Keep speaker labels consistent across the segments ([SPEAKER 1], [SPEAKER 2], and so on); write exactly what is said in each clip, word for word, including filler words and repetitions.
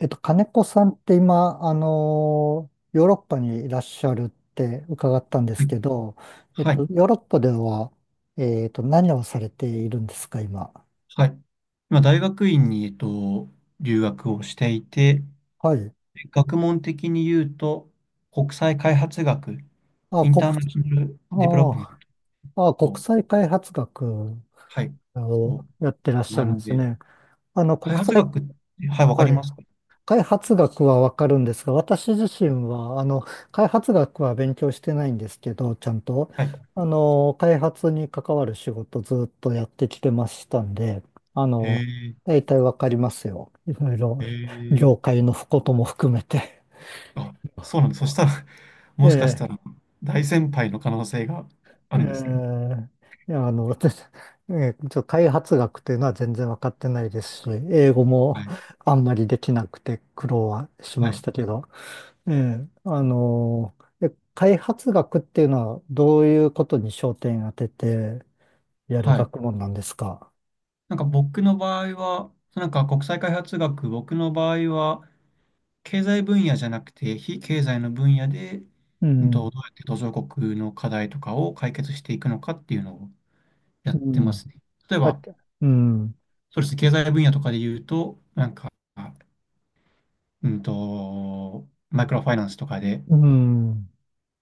[SPEAKER 1] えっと、金子さんって今、あのーヨーロッパにいらっしゃるって伺ったんで
[SPEAKER 2] は
[SPEAKER 1] す
[SPEAKER 2] い
[SPEAKER 1] けど、えっ
[SPEAKER 2] は
[SPEAKER 1] と、
[SPEAKER 2] い。
[SPEAKER 1] ヨーロッパでは、えっと、何をされているんですか、今。
[SPEAKER 2] はい、今、大学院に、えっと、留学をしていて、
[SPEAKER 1] はい。
[SPEAKER 2] 学問的に言うと、国際開発学、
[SPEAKER 1] あ、
[SPEAKER 2] イン
[SPEAKER 1] 国、
[SPEAKER 2] ターナショナル
[SPEAKER 1] あ
[SPEAKER 2] ディベロップメン
[SPEAKER 1] ーあ、
[SPEAKER 2] ト
[SPEAKER 1] 国
[SPEAKER 2] を、
[SPEAKER 1] 際開発学
[SPEAKER 2] はい、
[SPEAKER 1] を
[SPEAKER 2] を
[SPEAKER 1] やってらっしゃ
[SPEAKER 2] 学
[SPEAKER 1] るんで
[SPEAKER 2] ん
[SPEAKER 1] す
[SPEAKER 2] で、
[SPEAKER 1] ね。あの、
[SPEAKER 2] 開
[SPEAKER 1] 国
[SPEAKER 2] 発
[SPEAKER 1] 際、
[SPEAKER 2] 学って、はい、わか
[SPEAKER 1] は
[SPEAKER 2] り
[SPEAKER 1] い。
[SPEAKER 2] ますか？
[SPEAKER 1] 開発学はわかるんですが、私自身は、あの、開発学は勉強してないんですけど、ちゃんと、
[SPEAKER 2] はい。
[SPEAKER 1] あの、開発に関わる仕事ずっとやってきてましたんで、あ
[SPEAKER 2] へ
[SPEAKER 1] の、
[SPEAKER 2] え、
[SPEAKER 1] 大体わかりますよ。いろいろ、
[SPEAKER 2] へえ、
[SPEAKER 1] 業界のことも含めて。
[SPEAKER 2] あ、そうなんです。そしたら、
[SPEAKER 1] え
[SPEAKER 2] もしかした
[SPEAKER 1] え、
[SPEAKER 2] ら、大先輩の可能性があ
[SPEAKER 1] え
[SPEAKER 2] るんですね。
[SPEAKER 1] え、いや、あの、私、ええ、ちょ、開発学というのは全然わかってないですし、英語
[SPEAKER 2] は
[SPEAKER 1] も
[SPEAKER 2] い。
[SPEAKER 1] あんまりできなくて苦労はし
[SPEAKER 2] は
[SPEAKER 1] まし
[SPEAKER 2] い。
[SPEAKER 1] たけど、ええ、あの、え開発学っていうのはどういうことに焦点当ててやる
[SPEAKER 2] はい。
[SPEAKER 1] 学問なんですか。
[SPEAKER 2] なんか僕の場合は、なんか国際開発学、僕の場合は、経済分野じゃなくて、非経済の分野で、
[SPEAKER 1] う
[SPEAKER 2] うんと、
[SPEAKER 1] ん、
[SPEAKER 2] どうやって途上国の課題とかを解決していくのかっていうのをや
[SPEAKER 1] う
[SPEAKER 2] ってま
[SPEAKER 1] ん、
[SPEAKER 2] すね。例え
[SPEAKER 1] あ、
[SPEAKER 2] ば、
[SPEAKER 1] うん、
[SPEAKER 2] そうですね、経済分野とかで言うと、なんか、うんと、マイクロファイナンスとかで、
[SPEAKER 1] うん、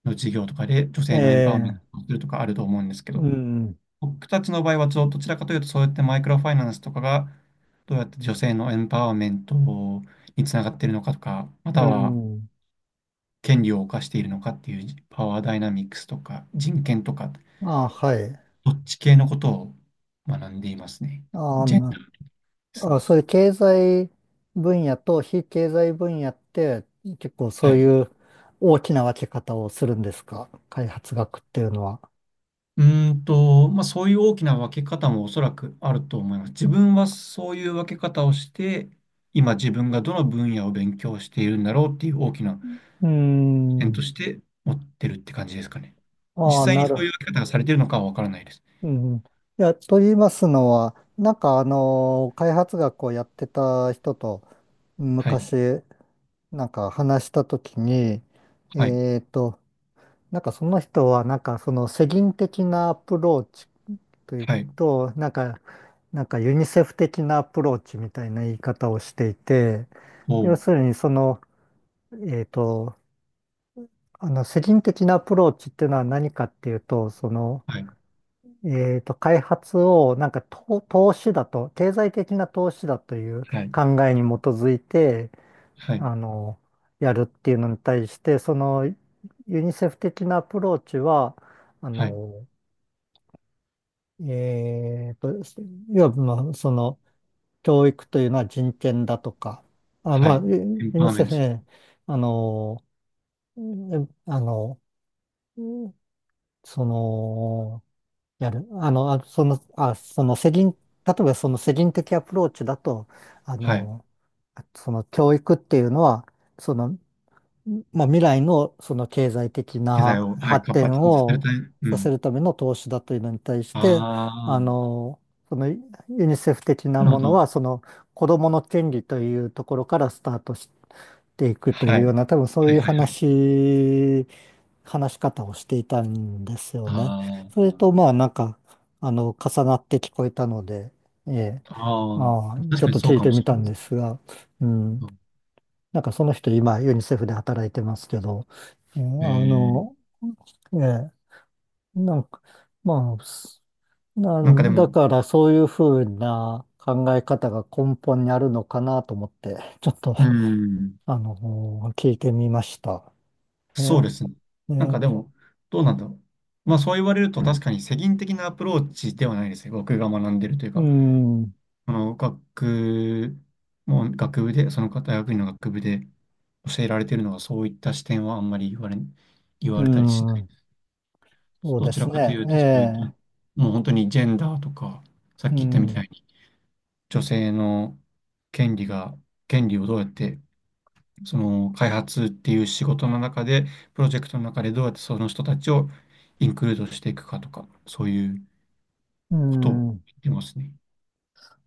[SPEAKER 2] の事業とかで女
[SPEAKER 1] え
[SPEAKER 2] 性のエンパワーメン
[SPEAKER 1] え、
[SPEAKER 2] トをするとかあると思うんですけ
[SPEAKER 1] う
[SPEAKER 2] ど、
[SPEAKER 1] ん、
[SPEAKER 2] 僕たちの場合はどどちらかというと、そうやってマイクロファイナンスとかが、どうやって女性のエンパワーメントにつながっているのかとか、ま
[SPEAKER 1] う
[SPEAKER 2] たは、
[SPEAKER 1] ん。
[SPEAKER 2] 権利を侵しているのかっていうパワーダイナミックスとか人権とか、
[SPEAKER 1] あ、はい。
[SPEAKER 2] どっち系のことを学んでいますね。
[SPEAKER 1] あ
[SPEAKER 2] ジ
[SPEAKER 1] の、
[SPEAKER 2] ェンダ
[SPEAKER 1] な
[SPEAKER 2] ーです
[SPEAKER 1] あ、
[SPEAKER 2] ね。
[SPEAKER 1] そういう経済分野と非経済分野って結構そ
[SPEAKER 2] は
[SPEAKER 1] う
[SPEAKER 2] い。
[SPEAKER 1] いう大きな分け方をするんですか、開発学っていうのは。
[SPEAKER 2] うんと、まあ、そういう大きな分け方もおそらくあると思います。自分はそういう分け方をして、今自分がどの分野を勉強しているんだろうっていう大きな
[SPEAKER 1] うー
[SPEAKER 2] 点
[SPEAKER 1] ん。
[SPEAKER 2] として持ってるって感じですかね。実
[SPEAKER 1] ああ、
[SPEAKER 2] 際に
[SPEAKER 1] な
[SPEAKER 2] そ
[SPEAKER 1] る。
[SPEAKER 2] ういう分け方がされているのかはわからないです。
[SPEAKER 1] うん。いや、と言いますのは、なんかあの、開発学をやってた人と
[SPEAKER 2] はい、
[SPEAKER 1] 昔、なんか話したときに、
[SPEAKER 2] はい、
[SPEAKER 1] えっと、なんかその人は、なんかその世銀的なアプローチという
[SPEAKER 2] はい、
[SPEAKER 1] と、なんか、なんかユニセフ的なアプローチみたいな言い方をしていて、要
[SPEAKER 2] おう、
[SPEAKER 1] するにその、えっと、あの、世銀的なアプローチっていうのは何かっていうと、その、
[SPEAKER 2] はい、
[SPEAKER 1] えっと、開発をなんか投、投資だと、経済的な投資だという
[SPEAKER 2] はい、
[SPEAKER 1] 考えに基づいて、
[SPEAKER 2] はい、
[SPEAKER 1] あの、やるっていうのに対して、そのユニセフ的なアプローチは、あ
[SPEAKER 2] はい、
[SPEAKER 1] の、えっと、要は、まあ、その、教育というのは人権だとか、あ、
[SPEAKER 2] は
[SPEAKER 1] まあ、
[SPEAKER 2] い、エ
[SPEAKER 1] ユ
[SPEAKER 2] ン
[SPEAKER 1] ユ
[SPEAKER 2] パ
[SPEAKER 1] ニ
[SPEAKER 2] ワーメ
[SPEAKER 1] セ
[SPEAKER 2] ント、
[SPEAKER 1] フ、えーあの、えあの、その、やる。あの、あ、その、あ、その、世倫、例えばその世倫的アプローチだと、あ
[SPEAKER 2] はい。
[SPEAKER 1] の、その教育っていうのは、そのまあ、未来のその経済的
[SPEAKER 2] 機材
[SPEAKER 1] な
[SPEAKER 2] を、はい、
[SPEAKER 1] 発
[SPEAKER 2] 活
[SPEAKER 1] 展
[SPEAKER 2] 発にさせる
[SPEAKER 1] を
[SPEAKER 2] ため、う
[SPEAKER 1] させ
[SPEAKER 2] ん。
[SPEAKER 1] るための投資だというのに対して、
[SPEAKER 2] あ
[SPEAKER 1] あ
[SPEAKER 2] あ、
[SPEAKER 1] の、そのユニセフ的な
[SPEAKER 2] なるほ
[SPEAKER 1] もの
[SPEAKER 2] ど。
[SPEAKER 1] は、その子どもの権利というところからスタートしていくとい
[SPEAKER 2] は
[SPEAKER 1] う
[SPEAKER 2] い。
[SPEAKER 1] ような、多分そう
[SPEAKER 2] はい
[SPEAKER 1] いう
[SPEAKER 2] はいはい。
[SPEAKER 1] 話、話し方をしていたんですよ
[SPEAKER 2] あ
[SPEAKER 1] ね。それと、まあ、なんか、あの、重なって聞こえたので、ええ、
[SPEAKER 2] あ、ああ、
[SPEAKER 1] ああ、
[SPEAKER 2] でも
[SPEAKER 1] ち
[SPEAKER 2] 確
[SPEAKER 1] ょっ
[SPEAKER 2] かに
[SPEAKER 1] と
[SPEAKER 2] そう
[SPEAKER 1] 聞い
[SPEAKER 2] かも
[SPEAKER 1] て
[SPEAKER 2] し
[SPEAKER 1] み
[SPEAKER 2] れ
[SPEAKER 1] た
[SPEAKER 2] ない
[SPEAKER 1] ん
[SPEAKER 2] で
[SPEAKER 1] で
[SPEAKER 2] す。
[SPEAKER 1] すが、うん。なんかその人今ユニセフで働いてますけど、えー
[SPEAKER 2] ええ
[SPEAKER 1] あの、
[SPEAKER 2] ー、
[SPEAKER 1] えーなんか、まあ、すな
[SPEAKER 2] なんかで
[SPEAKER 1] ん
[SPEAKER 2] も、
[SPEAKER 1] だからそういうふうな考え方が根本にあるのかなと思って、ちょっと、
[SPEAKER 2] うん、
[SPEAKER 1] あの、聞いてみました。え
[SPEAKER 2] そうで
[SPEAKER 1] ー、
[SPEAKER 2] すね。
[SPEAKER 1] え
[SPEAKER 2] なん
[SPEAKER 1] ー、
[SPEAKER 2] かでも、どうなんだろう。まあそう言われると確かに世銀的なアプローチではないですね。僕が学んでるという
[SPEAKER 1] う
[SPEAKER 2] か、
[SPEAKER 1] ん、
[SPEAKER 2] あの学もう学部で、その大学院の学部で教えられてるのがそういった視点はあんまり言われ、言
[SPEAKER 1] う
[SPEAKER 2] われたりしない。
[SPEAKER 1] ん、そう
[SPEAKER 2] ど
[SPEAKER 1] で
[SPEAKER 2] ち
[SPEAKER 1] す
[SPEAKER 2] らかとい
[SPEAKER 1] ね。
[SPEAKER 2] うと、そういった、
[SPEAKER 1] え
[SPEAKER 2] もう本当にジェンダーとか、さ
[SPEAKER 1] ー、
[SPEAKER 2] っ
[SPEAKER 1] う
[SPEAKER 2] き言ったみた
[SPEAKER 1] ん、
[SPEAKER 2] いに、女性の権利が、権利をどうやって、その開発っていう仕事の中で、プロジェクトの中でどうやってその人たちをインクルードしていくかとか、そういう
[SPEAKER 1] う
[SPEAKER 2] ことを言
[SPEAKER 1] ん、
[SPEAKER 2] ってますね。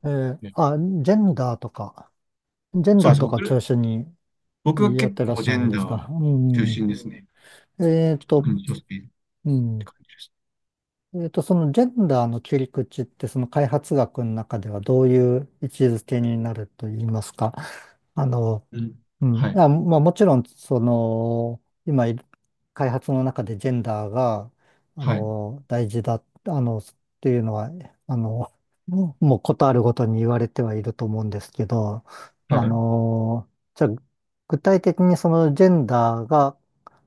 [SPEAKER 1] えー、
[SPEAKER 2] ね、
[SPEAKER 1] あ、ジェンダーとか、ジェン
[SPEAKER 2] そう
[SPEAKER 1] ダー
[SPEAKER 2] です。
[SPEAKER 1] とか中
[SPEAKER 2] 僕、
[SPEAKER 1] 心
[SPEAKER 2] 僕
[SPEAKER 1] に
[SPEAKER 2] は
[SPEAKER 1] やっ
[SPEAKER 2] 結
[SPEAKER 1] てらっ
[SPEAKER 2] 構
[SPEAKER 1] し
[SPEAKER 2] ジ
[SPEAKER 1] ゃ
[SPEAKER 2] ェ
[SPEAKER 1] るん
[SPEAKER 2] ン
[SPEAKER 1] で
[SPEAKER 2] ダ
[SPEAKER 1] す
[SPEAKER 2] ー
[SPEAKER 1] か。う
[SPEAKER 2] 中
[SPEAKER 1] ん。
[SPEAKER 2] 心ですね。
[SPEAKER 1] えっと、
[SPEAKER 2] 特に女性っ
[SPEAKER 1] う
[SPEAKER 2] て
[SPEAKER 1] ん。
[SPEAKER 2] 感じです。
[SPEAKER 1] えっと、そのジェンダーの切り口って、その開発学の中ではどういう位置づけになると言いますか。あの、
[SPEAKER 2] うん。
[SPEAKER 1] うん。
[SPEAKER 2] はい。
[SPEAKER 1] あ、まあ、もちろん、その、今い開発の中でジェンダーが、あ
[SPEAKER 2] はい。
[SPEAKER 1] の、大事だ、あの、っていうのは、あの、もうことあるごとに言われてはいると思うんですけど、
[SPEAKER 2] は
[SPEAKER 1] あ
[SPEAKER 2] い。
[SPEAKER 1] の、じゃあ具体的にそのジェンダーが、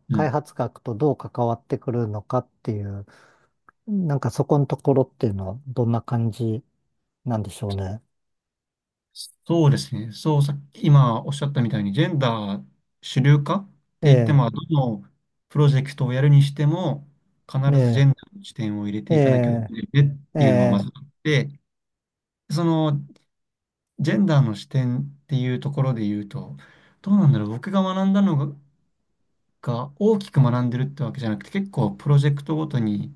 [SPEAKER 2] う
[SPEAKER 1] 開
[SPEAKER 2] ん。
[SPEAKER 1] 発学とどう関わってくるのかっていう、なんかそこのところっていうのはどんな感じなんでしょうね。
[SPEAKER 2] そうですね。そう、さっき今おっしゃったみたいに、ジェンダー主流化っ
[SPEAKER 1] え
[SPEAKER 2] て言って
[SPEAKER 1] え、
[SPEAKER 2] も、どのプロジェクトをやるにしても、必ずジ
[SPEAKER 1] ね
[SPEAKER 2] ェンダーの視点を入れ
[SPEAKER 1] え、
[SPEAKER 2] ていかなきゃダ
[SPEAKER 1] え
[SPEAKER 2] メでねっ
[SPEAKER 1] え、え
[SPEAKER 2] ていうのはま
[SPEAKER 1] え、
[SPEAKER 2] ずあって、そのジェンダーの視点っていうところで言うと、どうなんだろう、僕が学んだのが、が大きく学んでるってわけじゃなくて、結構プロジェクトごとに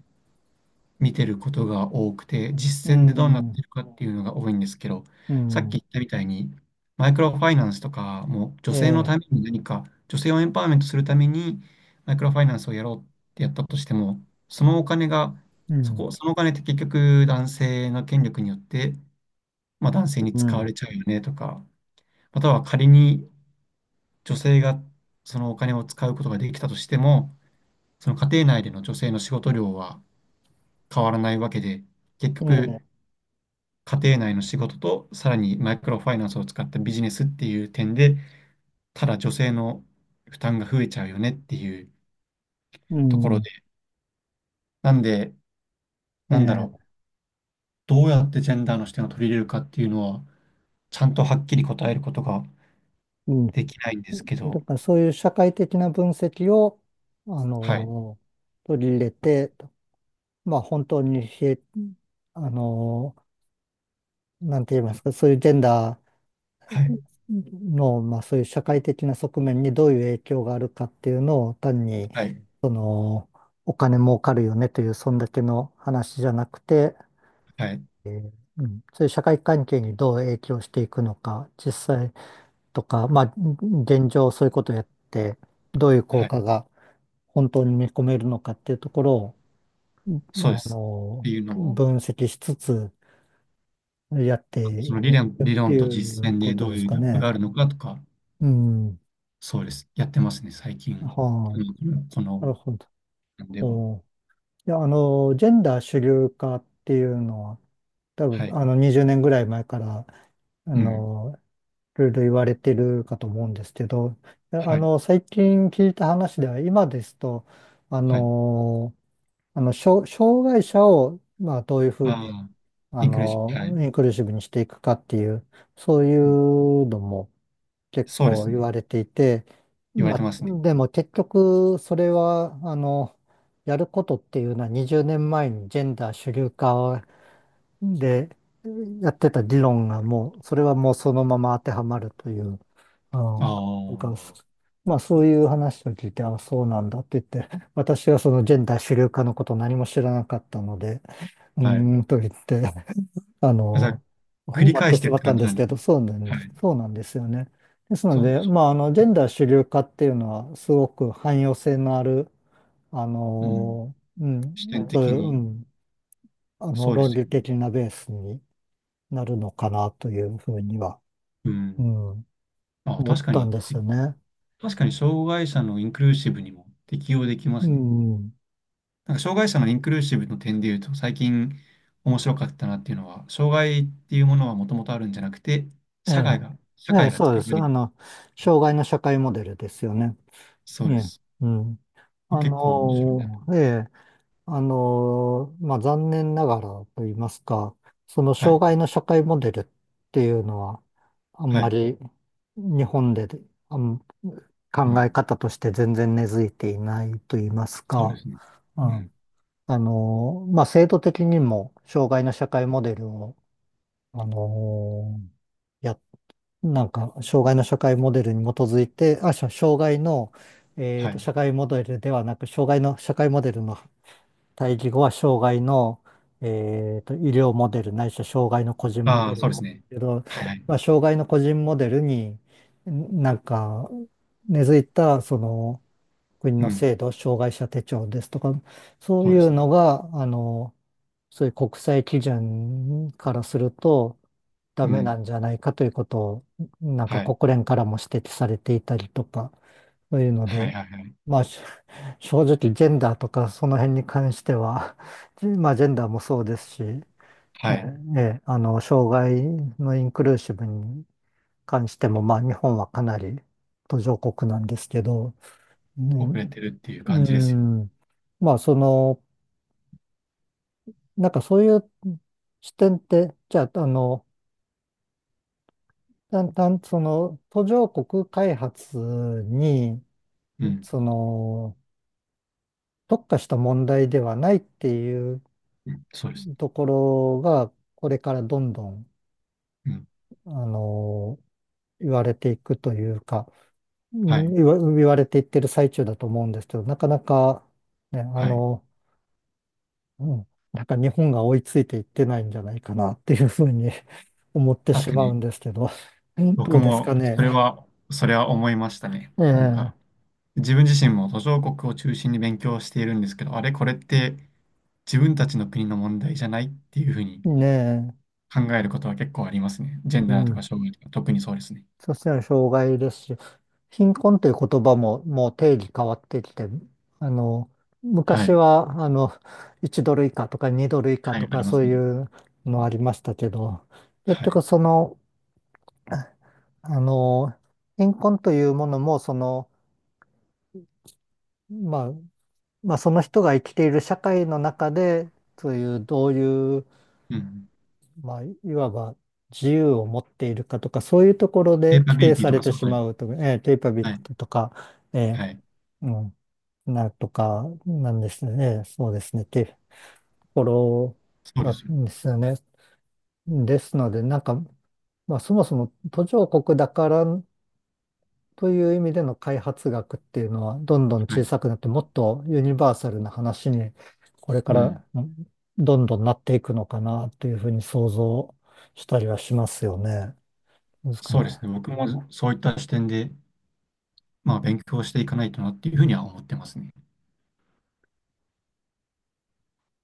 [SPEAKER 2] 見てることが多くて、
[SPEAKER 1] う
[SPEAKER 2] 実践でどうなっ
[SPEAKER 1] ん、
[SPEAKER 2] てるかっていうのが多いんですけど、
[SPEAKER 1] う
[SPEAKER 2] さっき
[SPEAKER 1] ん、
[SPEAKER 2] 言ったみたいに、マイクロファイナンスとかも女
[SPEAKER 1] え
[SPEAKER 2] 性の
[SPEAKER 1] え、
[SPEAKER 2] ために何か、女性をエンパワーメントするためにマイクロファイナンスをやろうってやったとしても、そのお金が、
[SPEAKER 1] う
[SPEAKER 2] そ
[SPEAKER 1] ん、
[SPEAKER 2] こ、そのお金って結局男性の権力によって、まあ、男性に
[SPEAKER 1] う
[SPEAKER 2] 使わ
[SPEAKER 1] ん、
[SPEAKER 2] れちゃうよねとか、または仮に女性がそのお金を使うことができたとしても、その家庭内での女性の仕事量は変わらないわけで、結
[SPEAKER 1] え
[SPEAKER 2] 局、
[SPEAKER 1] え、
[SPEAKER 2] 家庭内の仕事と、さらにマイクロファイナンスを使ったビジネスっていう点で、ただ女性の負担が増えちゃうよねっていう
[SPEAKER 1] う
[SPEAKER 2] ところ
[SPEAKER 1] ん、
[SPEAKER 2] で、なんで、
[SPEAKER 1] え
[SPEAKER 2] なんだろ
[SPEAKER 1] え、
[SPEAKER 2] う、どうやってジェンダーの視点を取り入れるかっていうのは、ちゃんとはっきり答えることが
[SPEAKER 1] うん。
[SPEAKER 2] できないんですけど、
[SPEAKER 1] だからそういう社会的な分析を、あ
[SPEAKER 2] はい、
[SPEAKER 1] の取り入れて、まあ本当にひえ、あのなんて言いますか、そういうジェンダー、
[SPEAKER 2] はい、
[SPEAKER 1] の、まあ、そういう社会的な側面にどういう影響があるかっていうのを単に、
[SPEAKER 2] はい、
[SPEAKER 1] その、お金儲かるよねという、そんだけの話じゃなくて、
[SPEAKER 2] はい、
[SPEAKER 1] うん、そういう社会関係にどう影響していくのか、実際とか、まあ、現状そういうことをやって、どういう効
[SPEAKER 2] はい、
[SPEAKER 1] 果が本当に見込めるのかっていうところを、ま
[SPEAKER 2] そうで
[SPEAKER 1] ああ
[SPEAKER 2] す。って
[SPEAKER 1] の、
[SPEAKER 2] いうのを、
[SPEAKER 1] 分析しつつやって
[SPEAKER 2] その理論、
[SPEAKER 1] っ
[SPEAKER 2] 理
[SPEAKER 1] て
[SPEAKER 2] 論
[SPEAKER 1] い
[SPEAKER 2] と実
[SPEAKER 1] う
[SPEAKER 2] 践
[SPEAKER 1] こ
[SPEAKER 2] で
[SPEAKER 1] と
[SPEAKER 2] どう
[SPEAKER 1] です
[SPEAKER 2] いうギ
[SPEAKER 1] か
[SPEAKER 2] ャップがあ
[SPEAKER 1] ね。
[SPEAKER 2] るのかとか、
[SPEAKER 1] うん。
[SPEAKER 2] そうです。やってますね、最近。
[SPEAKER 1] は
[SPEAKER 2] う
[SPEAKER 1] い、
[SPEAKER 2] んこの、
[SPEAKER 1] な
[SPEAKER 2] こ
[SPEAKER 1] るほど。
[SPEAKER 2] の、では。
[SPEAKER 1] おーいや、あの、ジェンダー主流化っていうのは、多分、
[SPEAKER 2] はい。
[SPEAKER 1] あの、にじゅうねんぐらい前から、あ
[SPEAKER 2] うん。
[SPEAKER 1] の、いろいろ言われてるかと思うんですけど、いや
[SPEAKER 2] は
[SPEAKER 1] あ
[SPEAKER 2] い。
[SPEAKER 1] の、最近聞いた話では、今ですと、あ
[SPEAKER 2] はい。
[SPEAKER 1] の、あの、障障害者を、まあ、どういうふうに、
[SPEAKER 2] ああ、
[SPEAKER 1] あ
[SPEAKER 2] インクルージョン。は
[SPEAKER 1] の、
[SPEAKER 2] い。
[SPEAKER 1] インクルーシブにしていくかっていう、そうい
[SPEAKER 2] うん、
[SPEAKER 1] うのも、結
[SPEAKER 2] そうで
[SPEAKER 1] 構
[SPEAKER 2] す
[SPEAKER 1] 言
[SPEAKER 2] ね。
[SPEAKER 1] われていて、
[SPEAKER 2] 言われ
[SPEAKER 1] ま
[SPEAKER 2] て
[SPEAKER 1] あ、
[SPEAKER 2] ますね。
[SPEAKER 1] でも結局それは、あの、やることっていうのはにじゅうねんまえにジェンダー主流化でやってた議論がもう、それはもうそのまま当てはまるという、あ
[SPEAKER 2] あ
[SPEAKER 1] の、
[SPEAKER 2] あ、
[SPEAKER 1] なんか、
[SPEAKER 2] は
[SPEAKER 1] まあそういう話を聞いて、あ、そうなんだって言って、私はそのジェンダー主流化のことを何も知らなかったので、う
[SPEAKER 2] い。
[SPEAKER 1] ーんと言ってあ
[SPEAKER 2] だか
[SPEAKER 1] の、
[SPEAKER 2] 繰
[SPEAKER 1] 終
[SPEAKER 2] り
[SPEAKER 1] わっ
[SPEAKER 2] 返
[SPEAKER 1] て
[SPEAKER 2] し
[SPEAKER 1] し
[SPEAKER 2] てっ
[SPEAKER 1] ま
[SPEAKER 2] て
[SPEAKER 1] った
[SPEAKER 2] 感
[SPEAKER 1] ん
[SPEAKER 2] じ
[SPEAKER 1] で
[SPEAKER 2] な
[SPEAKER 1] す
[SPEAKER 2] んで
[SPEAKER 1] け
[SPEAKER 2] す
[SPEAKER 1] ど、
[SPEAKER 2] ね。
[SPEAKER 1] そうなん
[SPEAKER 2] は
[SPEAKER 1] です、
[SPEAKER 2] い。
[SPEAKER 1] そうなんですよね。ですの
[SPEAKER 2] そう、
[SPEAKER 1] で、
[SPEAKER 2] そう。
[SPEAKER 1] まあ、あの、ジェンダー主流化っていうのは、すごく汎用性のある、あ
[SPEAKER 2] うん。
[SPEAKER 1] の、う
[SPEAKER 2] 視
[SPEAKER 1] ん、
[SPEAKER 2] 点
[SPEAKER 1] そうい
[SPEAKER 2] 的
[SPEAKER 1] う、う
[SPEAKER 2] に、
[SPEAKER 1] ん、あの、
[SPEAKER 2] そうで
[SPEAKER 1] 論
[SPEAKER 2] す
[SPEAKER 1] 理
[SPEAKER 2] よね。
[SPEAKER 1] 的なベースになるのかなというふうには、
[SPEAKER 2] う
[SPEAKER 1] う
[SPEAKER 2] ん。
[SPEAKER 1] ん、
[SPEAKER 2] あ、
[SPEAKER 1] 思
[SPEAKER 2] 確
[SPEAKER 1] っ
[SPEAKER 2] か
[SPEAKER 1] たん
[SPEAKER 2] に、
[SPEAKER 1] です
[SPEAKER 2] て
[SPEAKER 1] よね。
[SPEAKER 2] 確かに障害者のインクルーシブにも適用できま
[SPEAKER 1] う
[SPEAKER 2] すね。
[SPEAKER 1] ん、
[SPEAKER 2] なんか障害者のインクルーシブの点で言うと、最近面白かったなっていうのは、障害っていうものはもともとあるんじゃなくて、
[SPEAKER 1] え
[SPEAKER 2] 社
[SPEAKER 1] え、
[SPEAKER 2] 会が、社
[SPEAKER 1] ええ、
[SPEAKER 2] 会が
[SPEAKER 1] そう
[SPEAKER 2] 作
[SPEAKER 1] で
[SPEAKER 2] り上
[SPEAKER 1] す。
[SPEAKER 2] げ
[SPEAKER 1] あ
[SPEAKER 2] てる。
[SPEAKER 1] の、障害の社会モデルですよね。
[SPEAKER 2] そ
[SPEAKER 1] え
[SPEAKER 2] うで
[SPEAKER 1] え、
[SPEAKER 2] す。
[SPEAKER 1] うん。あ
[SPEAKER 2] 結構面白いな。
[SPEAKER 1] の、ええあの、まあ、残念ながらと言いますか、その
[SPEAKER 2] はい。
[SPEAKER 1] 障害の社会モデルっていうのは、あん
[SPEAKER 2] は
[SPEAKER 1] ま
[SPEAKER 2] い。
[SPEAKER 1] り日本であん
[SPEAKER 2] う
[SPEAKER 1] 考え
[SPEAKER 2] ん。
[SPEAKER 1] 方として全然根付いていないと言います
[SPEAKER 2] そうで
[SPEAKER 1] か、
[SPEAKER 2] すね。
[SPEAKER 1] う
[SPEAKER 2] うん。
[SPEAKER 1] ん、あの、まあ、制度的にも障害の社会モデルを、あの、や、なんか、障害の社会モデルに基づいて、あ、しょ障害の、えっ
[SPEAKER 2] は
[SPEAKER 1] と、
[SPEAKER 2] い。
[SPEAKER 1] 社会モデルではなく、障害の社会モデルの対義語は障害の、えーと、医療モデルないしは障害の個人モ
[SPEAKER 2] あ
[SPEAKER 1] デ
[SPEAKER 2] あ、そう
[SPEAKER 1] ル
[SPEAKER 2] ですね。
[SPEAKER 1] けど、
[SPEAKER 2] はいはい。
[SPEAKER 1] まあ、障害の個人モデルにんなんか根付いたその国
[SPEAKER 2] う
[SPEAKER 1] の
[SPEAKER 2] ん。
[SPEAKER 1] 制度、障害者手帳ですとか、そう
[SPEAKER 2] そう
[SPEAKER 1] い
[SPEAKER 2] で
[SPEAKER 1] う
[SPEAKER 2] すね。
[SPEAKER 1] のが、あの、そういう国際基準からするとダ
[SPEAKER 2] う
[SPEAKER 1] メな
[SPEAKER 2] ん。
[SPEAKER 1] んじゃないかということを、なんか
[SPEAKER 2] はい。
[SPEAKER 1] 国連からも指摘されていたりとか、そういうの
[SPEAKER 2] は
[SPEAKER 1] で、
[SPEAKER 2] いはいはい。
[SPEAKER 1] まあ、し正直ジェンダーとかその辺に関しては、じまあジェンダーもそうですし、ね、
[SPEAKER 2] はい。
[SPEAKER 1] ええあの、障害のインクルーシブに関しても、まあ日本はかなり途上国なんですけど、
[SPEAKER 2] 遅
[SPEAKER 1] ね、
[SPEAKER 2] れてるっていう
[SPEAKER 1] う
[SPEAKER 2] 感じですよね。
[SPEAKER 1] ん、まあそのなんかそういう視点って、じゃあ、あの、だんだん、その、途上国開発に、
[SPEAKER 2] うん。
[SPEAKER 1] その、特化した問題ではないっていう
[SPEAKER 2] うん。そうです。
[SPEAKER 1] ところが、これからどんどん、
[SPEAKER 2] うん。
[SPEAKER 1] あの、言われていくというか、う
[SPEAKER 2] は
[SPEAKER 1] ん
[SPEAKER 2] い。
[SPEAKER 1] 言わ、言われていってる最中だと思うんですけど、なかなか、ね、あ
[SPEAKER 2] はい。
[SPEAKER 1] の、うん、なんか日本が追いついていってないんじゃないかなっていうふうに 思って
[SPEAKER 2] 確
[SPEAKER 1] し
[SPEAKER 2] か
[SPEAKER 1] まう
[SPEAKER 2] に、
[SPEAKER 1] んですけど、
[SPEAKER 2] 僕
[SPEAKER 1] どうですか
[SPEAKER 2] も、それ
[SPEAKER 1] ね。
[SPEAKER 2] は、それは思いましたね。
[SPEAKER 1] え
[SPEAKER 2] なんか、
[SPEAKER 1] え、
[SPEAKER 2] 自分自身も途上国を中心に勉強しているんですけど、あれ、これって自分たちの国の問題じゃないっていうふうに
[SPEAKER 1] ねえ、
[SPEAKER 2] 考えることは結構ありますね。ジェン
[SPEAKER 1] う
[SPEAKER 2] ダーと
[SPEAKER 1] ん。
[SPEAKER 2] か障害とか、特にそうですね。
[SPEAKER 1] そしたら障害ですし、貧困っていう言葉ももう定義変わってきて、あの、
[SPEAKER 2] は
[SPEAKER 1] 昔
[SPEAKER 2] い。
[SPEAKER 1] は、あの、いちドル以下とかにドル以下
[SPEAKER 2] は
[SPEAKER 1] と
[SPEAKER 2] い、あ
[SPEAKER 1] か
[SPEAKER 2] りま
[SPEAKER 1] そう
[SPEAKER 2] す
[SPEAKER 1] い
[SPEAKER 2] ね。
[SPEAKER 1] うのありましたけど、結
[SPEAKER 2] は
[SPEAKER 1] 局
[SPEAKER 2] い。
[SPEAKER 1] その、あの、貧困というものも、その、まあ、まあ、その人が生きている社会の中で、そういう、どういう
[SPEAKER 2] うん。
[SPEAKER 1] まあ、いわば自由を持っているかとか、そういうところ
[SPEAKER 2] ペ
[SPEAKER 1] で
[SPEAKER 2] ーパ
[SPEAKER 1] 規
[SPEAKER 2] ビ
[SPEAKER 1] 定
[SPEAKER 2] リティ
[SPEAKER 1] さ
[SPEAKER 2] と
[SPEAKER 1] れ
[SPEAKER 2] か
[SPEAKER 1] て
[SPEAKER 2] そういう
[SPEAKER 1] し
[SPEAKER 2] ことで
[SPEAKER 1] ま
[SPEAKER 2] す。
[SPEAKER 1] うと、えー、ケイパビ
[SPEAKER 2] は
[SPEAKER 1] リ
[SPEAKER 2] い。
[SPEAKER 1] ティとか、えー
[SPEAKER 2] はい。
[SPEAKER 1] うん、なるとか、なんですね。えーそうですね。っていうところ
[SPEAKER 2] そうで
[SPEAKER 1] な
[SPEAKER 2] すよ。
[SPEAKER 1] んですよね。ですので、なんか、まあ、そもそも途上国だからという意味での開発学っていうのはどんどん
[SPEAKER 2] は
[SPEAKER 1] 小
[SPEAKER 2] い。
[SPEAKER 1] さくなってもっとユニバーサルな話にこれか
[SPEAKER 2] うん。
[SPEAKER 1] らうんどんどんなっていくのかなというふうに想像したりはしますよね。ですか
[SPEAKER 2] そうで
[SPEAKER 1] ね。
[SPEAKER 2] すね。僕もそういった視点で、まあ、勉強していかないとなっていうふうには思ってますね。